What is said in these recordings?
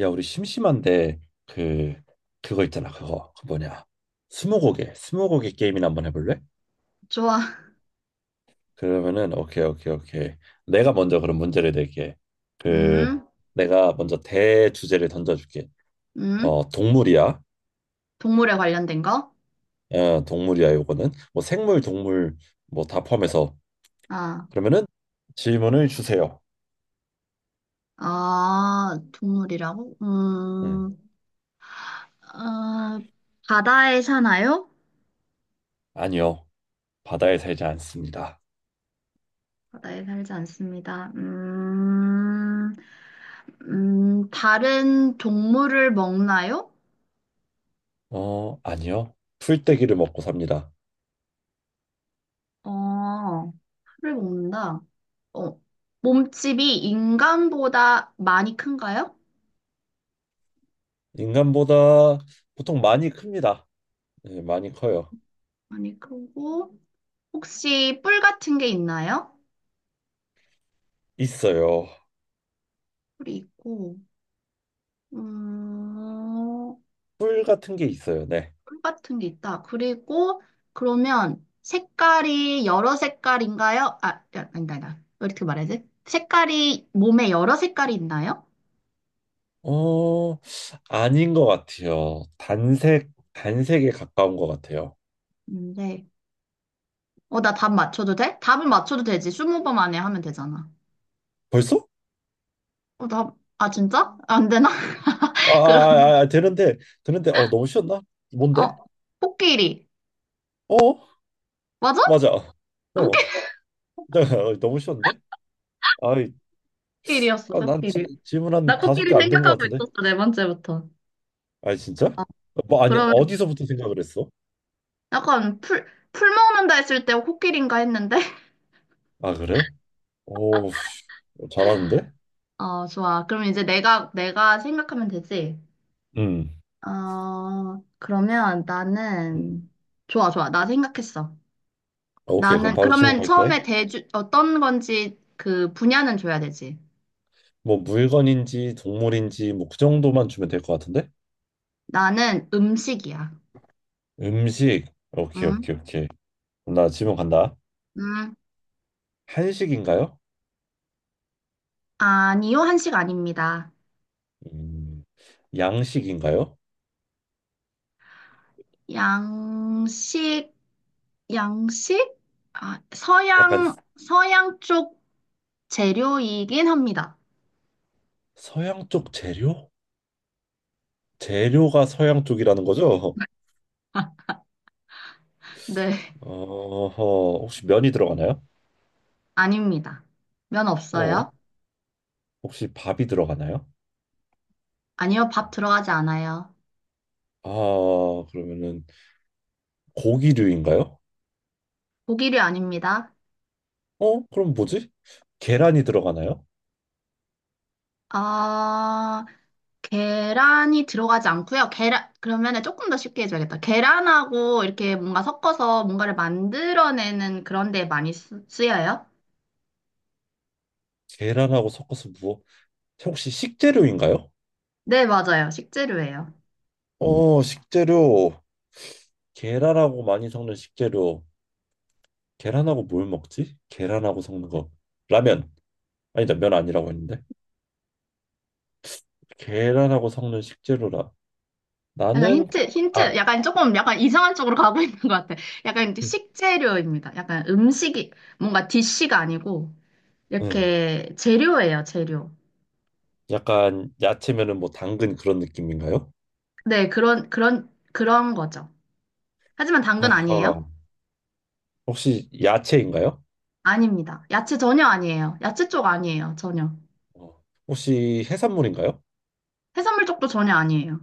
야, 우리 심심한데 그 그거 있잖아. 그거. 그 뭐냐? 스무고개. 스무고개 게임이나 한번 해볼래? 좋아. 그러면은 오케이, 오케이, 오케이. 내가 먼저 그럼 문제를 낼게. 그 음, 내가 먼저 대주제를 던져줄게. 음. 어, 동물이야. 동물에 관련된 거? 어, 동물이야. 요거는 뭐 생물, 동물 뭐 다 포함해서 아, 그러면은 질문을 주세요. 아, 동물이라고? 응. 어, 바다에 사나요? 아니요. 바다에 살지 않습니다. 바다에 살지 않습니다. 다른 동물을 먹나요? 어, 아니요. 풀떼기를 먹고 삽니다. 어, 풀을 먹는다. 어, 몸집이 인간보다 많이 큰가요? 인간보다 보통 많이 큽니다. 네, 많이 커요. 많이 크고, 혹시 뿔 같은 게 있나요? 있어요. 뿔이 있고, 음, 뿔 같은 게 있어요. 네. 꿀 같은 게 있다. 그리고 그러면 색깔이 여러 색깔인가요? 아, 야, 아니다, 아니다. 왜 이렇게 말야지 색깔이 몸에 여러 색깔이 있나요? 어, 아닌 것 같아요. 단색, 단색에 가까운 것 같아요. 근데 나 답 맞춰도 돼? 답을 맞춰도 되지. 20번 안에 하면 되잖아. 벌써? 어, 답, 아, 진짜? 안 되나? 아, 그럼, 아, 아, 아, 아, 되는데, 되는데, 어, 너무 쉬웠나? 뭔데? 어, 코끼리. 어, 맞아? 맞아. 어, 어, 너무 쉬웠는데? 아이, 코끼리였어, 아, 난 코끼리. 질문 나 한 다섯 코끼리 개 안 된 것 생각하고 같은데? 있었어, 네 번째부터. 아니, 진짜? 아, 어, 뭐, 아니, 그러면 어디서부터 생각을 했어? 약간 풀, 풀 먹는다 했을 때 코끼리인가 했는데? 아, 그래? 오, 씨, 잘하는데? 어, 좋아. 그럼 이제 내가 생각하면 되지? 음, 그러면 음. 나는, 좋아, 좋아. 나 생각했어. 오케이, 그럼 나는, 바로 질문 그러면 갈게. 처음에 어떤 건지 그 분야는 줘야 되지. 뭐 물건인지 동물인지 뭐 그 정도만 주면 될 것 같은데? 나는 음식이야. 음식. 오케이, 응? 오케이, 오케이. 그럼 나 질문 간다. 응? 한식인가요? 아니요, 한식 아닙니다. 음, 양식인가요? 양식, 양식? 아, 약간 서양, 서양 쪽 재료이긴 합니다. 서양 쪽 재료? 재료가 서양 쪽이라는 거죠? 네, 어, 혹시 면이 들어가나요? 아닙니다. 면 어, 없어요? 혹시 밥이 들어가나요? 아니요, 밥 들어가지 않아요. 아, 그러면은 고기류인가요? 고기류 아닙니다. 어, 그럼 뭐지? 계란이 들어가나요? 아, 계란이 들어가지 않고요. 계란, 그러면 조금 더 쉽게 해줘야겠다. 계란하고 이렇게 뭔가 섞어서 뭔가를 만들어내는 그런 데 많이 쓰, 여요. 계란하고 섞어서 무엇? 혹시 식재료인가요? 네, 맞아요. 식재료예요. 어, 식재료. 계란하고 많이 섞는 식재료. 계란하고 뭘 먹지? 계란하고 섞는 거. 라면. 아니다, 면 아니라고 했는데. 계란하고 섞는 식재료라. 약간 나는, 힌트, 힌트, 아, 약간 조금 약간 이상한 쪽으로 가고 있는 것 같아. 약간 이제 응. 식재료입니다. 약간 음식이, 뭔가 디쉬가 아니고, 응. 이렇게 재료예요, 재료. 약간 야채면은 뭐 당근 그런 느낌인가요? 네, 그런, 그런, 그런 거죠. 하지만 당근 하하. 아니에요? 혹시 야채인가요? 아닙니다. 야채 전혀 아니에요. 야채 쪽 아니에요. 전혀. 어. 혹시 해산물인가요? 해산물 쪽도 전혀 아니에요.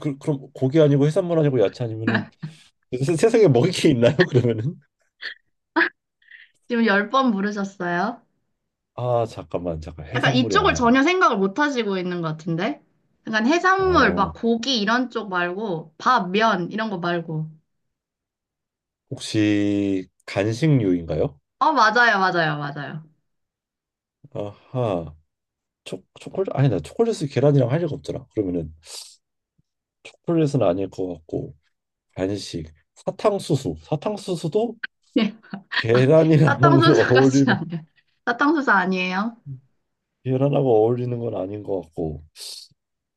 그, 그럼 고기 아니고 해산물 아니고 야채 아니면은 세상에 먹을 게 있나요? 그러면은? 지금 10번 물으셨어요. 아, 잠깐만, 잠깐. 약간 해산물이 이쪽을 아니다. 전혀 생각을 못 하시고 있는 것 같은데? 약간 해산물, 막 어. 고기 이런 쪽 말고, 밥, 면, 이런 거 말고. 혹시 간식류인가요? 어, 맞아요, 맞아요, 맞아요. 아하. 초, 초콜릿? 아니, 나 초콜릿을 계란이랑 할 리가 없잖아. 그러면은 초콜릿은 아닐 것 같고, 간식. 사탕수수. 사탕수수도 예. 계란이랑 사탕수수까지는 어울리면, 아니에요. 사탕수수 아니에요. 계란하고 어울리는 건 아닌 것 같고.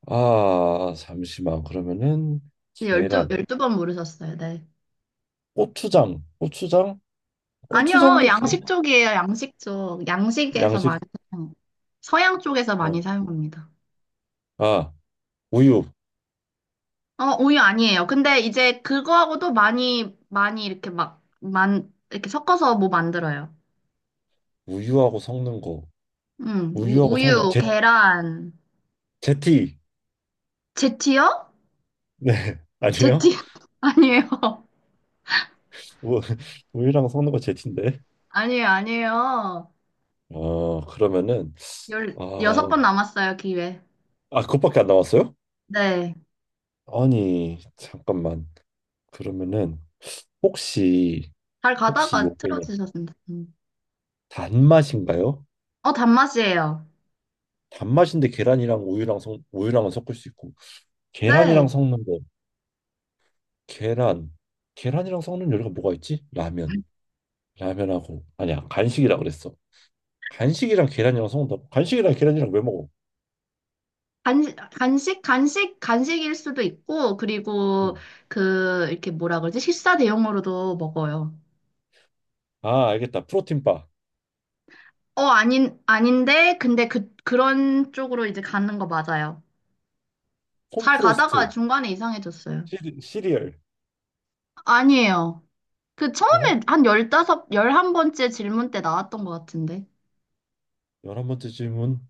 아, 잠시만. 그러면은 열두, 계란. 열두 번 물으셨어요, 네. 고추장. 고추장? 아니요, 고추장도 양식 계란? 쪽이에요, 양식 쪽. 양식에서 많이 양식. 사용해요. 서양 쪽에서 많이 어. 사용합니다. 아, 우유. 어, 우유 아니에요. 근데 이제 그거하고도 많이, 많이 이렇게 이렇게 섞어서 뭐 만들어요. 우유하고 섞는 거. 우, 우유하고 섞는 거. 우유, 제, 계란, 제티. 제티요? 네. 아니에요? 제티, 아니에요. 우- 우유랑 섞는 거 제티인데. 아니에요, 아니에요. 어, 그러면은 여섯 아, 번 남았어요, 기회. 아 그것밖에 안 나왔어요? 네. 아니, 잠깐만. 그러면은 혹시 잘 혹시 가다가 요게 틀어지셨습니다. 음. 단맛인가요? 어, 단맛이에요. 단맛인데 계란이랑 우유랑 섞 우유랑은 섞을 수 있고 네. 계란이랑 섞는 거 계란 계란이랑 섞는 요리가 뭐가 있지? 라면 라면하고 아니야 간식이라 그랬어 간식이랑 계란이랑 섞는다고 간식이랑 계란이랑 왜 먹어? 간식, 간식, 간식, 간식일 수도 있고, 그리고 응. 그, 이렇게 뭐라 그러지? 식사 대용으로도 먹어요. 아 알겠다 프로틴바 아닌, 아닌데, 근데 그, 그런 쪽으로 이제 가는 거 맞아요. 잘 콘프로스트 가다가 중간에 이상해졌어요. 시리얼 아니에요. 그 어? 처음에 한 열다섯, 11번째 질문 때 나왔던 것 같은데. 11번째 질문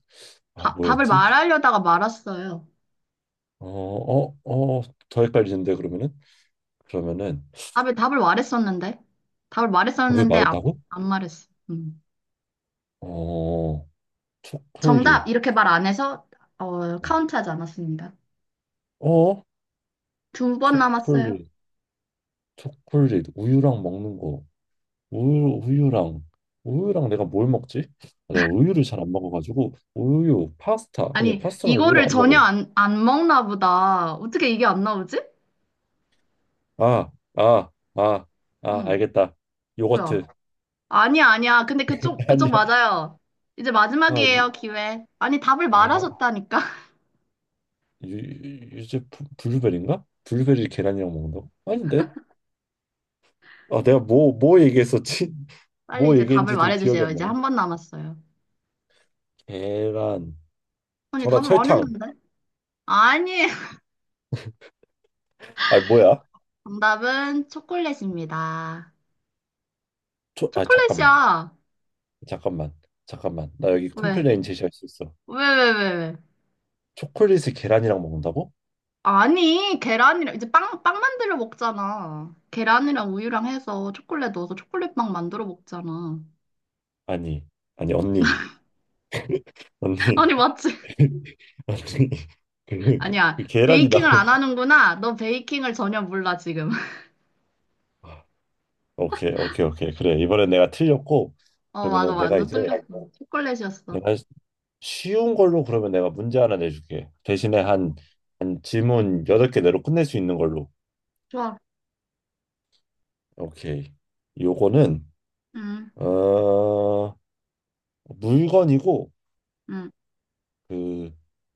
아 답을 뭐였지? 말하려다가 말았어요. 어, 어, 어, 더 헷갈리는데 그러면은 그러면은 답을 말했었는데. 답을 정답 말했었는데, 안, 말했다고? 안 말했어. 음. 어, 초콜릿. 정답, 이렇게 말 안 해서, 어, 카운트하지 않았습니다. 어, 2번 남았어요. 초콜릿, 초콜릿, 우유랑 먹는 거. 우유, 우유랑 우유랑 내가 뭘 먹지? 아, 내가 우유를 잘 안 먹어가지고 우유, 파스타 아니 아니, 파스타랑 우유랑 이거를 안 전혀 먹어. 안 먹나 보다. 어떻게 이게 안 나오지? 아, 아, 아, 아 응, 알겠다. 뭐야. 요거트 아니야, 아니야. 근데 그쪽, 그쪽 아니야. 맞아요. 이제 아, 유, 마지막이에요, 기회. 아니, 답을 아, 야, 말하셨다니까. 유, 블루베리인가? 블루베리 계란이랑 먹는다고? 아닌데? 아 내가 뭐 뭐 얘기했었지? 빨리 뭐 이제 답을 얘기했는지도 기억이 말해주세요. 안 이제 나네. 1번 남았어요. 계란. 아니, 정답 답을 설탕. 말했는데? 아니, 아 뭐야? 정답은 초콜릿입니다. 초, 아 잠깐만. 초콜릿이야. 잠깐만. 잠깐만. 나 여기 왜? 컴플레인 제시할 수 있어. 왜, 왜, 왜, 왜? 초콜릿을 계란이랑 먹는다고? 아니, 계란이랑, 이제 빵 만들어 먹잖아. 계란이랑 우유랑 해서 초콜릿 넣어서 초콜릿빵 만들어 먹잖아. 아니. 아니 언니. 언니. 아니, 맞지? 언니. 그, 아니야. 그 계란이다. 베이킹을 안 하는구나. 너 베이킹을 전혀 몰라, 지금. 오케이 오케이 오케이 그래 이번엔 내가 틀렸고 어, 맞아. 그러면은 내가 완전 이제 뚫렸어. 초콜릿이었어. 내가 쉬운 걸로 그러면 내가 문제 하나 내줄게. 대신에 어, 한, 한 질문 8개 내로 끝낼 수 있는 걸로. 좋아. 오케이. 요거는 음, 어, 물건이고 음, 그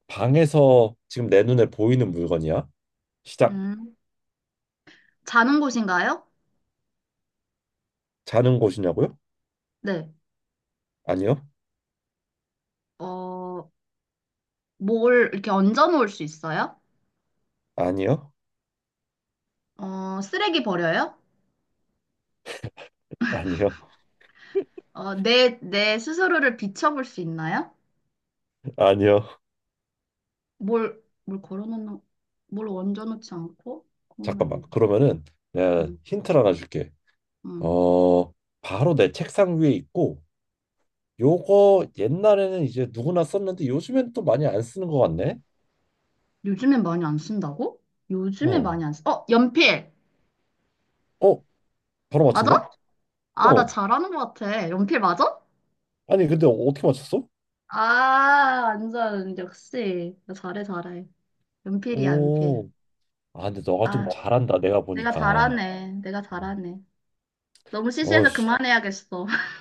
방에서 지금 내 눈에 보이는 물건이야. 시작. 음. 자는 곳인가요? 자는 곳이냐고요? 네. 아니요. 어, 뭘 이렇게 얹어 놓을 수 있어요? 아니요. 쓰레기 버려요? 아니요. 내 스스로를 비춰볼 수 있나요? 아니요. 뭘 걸어 놓는, 뭘 얹어 놓지 않고? 잠깐만. 그러면, 그러면은 내가 음, 힌트를 하나 줄게. 음. 어, 바로 내 책상 위에 있고 요거 옛날에는 이제 누구나 썼는데 요즘엔 또 많이 안 쓰는 것 같네. 요즘엔 많이 안 쓴다고? 요즘에 어. 많이 안 쓰, 어, 연필! 어, 바로 맞아? 맞췄네? 아, 나 어. 잘하는 것 같아. 연필 맞아? 아니, 근데 어떻게 맞췄어? 아, 완전, 역시. 잘해, 잘해. 연필이야, 연필. 오. 아, 근데 너가 아, 좀 잘한다. 내가 내가 보니까. 잘하네. 내가 잘하네. 너무 시시해서 어씨. 그만해야겠어.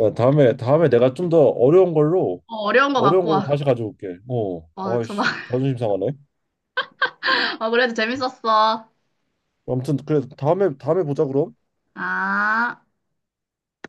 야, 다음에 다음에 내가 좀 더 어려운 걸로 어, 어려운 거 어려운 갖고 걸로 와. 다시 가져올게. 어. 어, 저 막, 아이씨. 자존심 상하네. 어, 그래도 재밌었어. 아무튼 그래 다음에 다음에 보자 그럼. 아.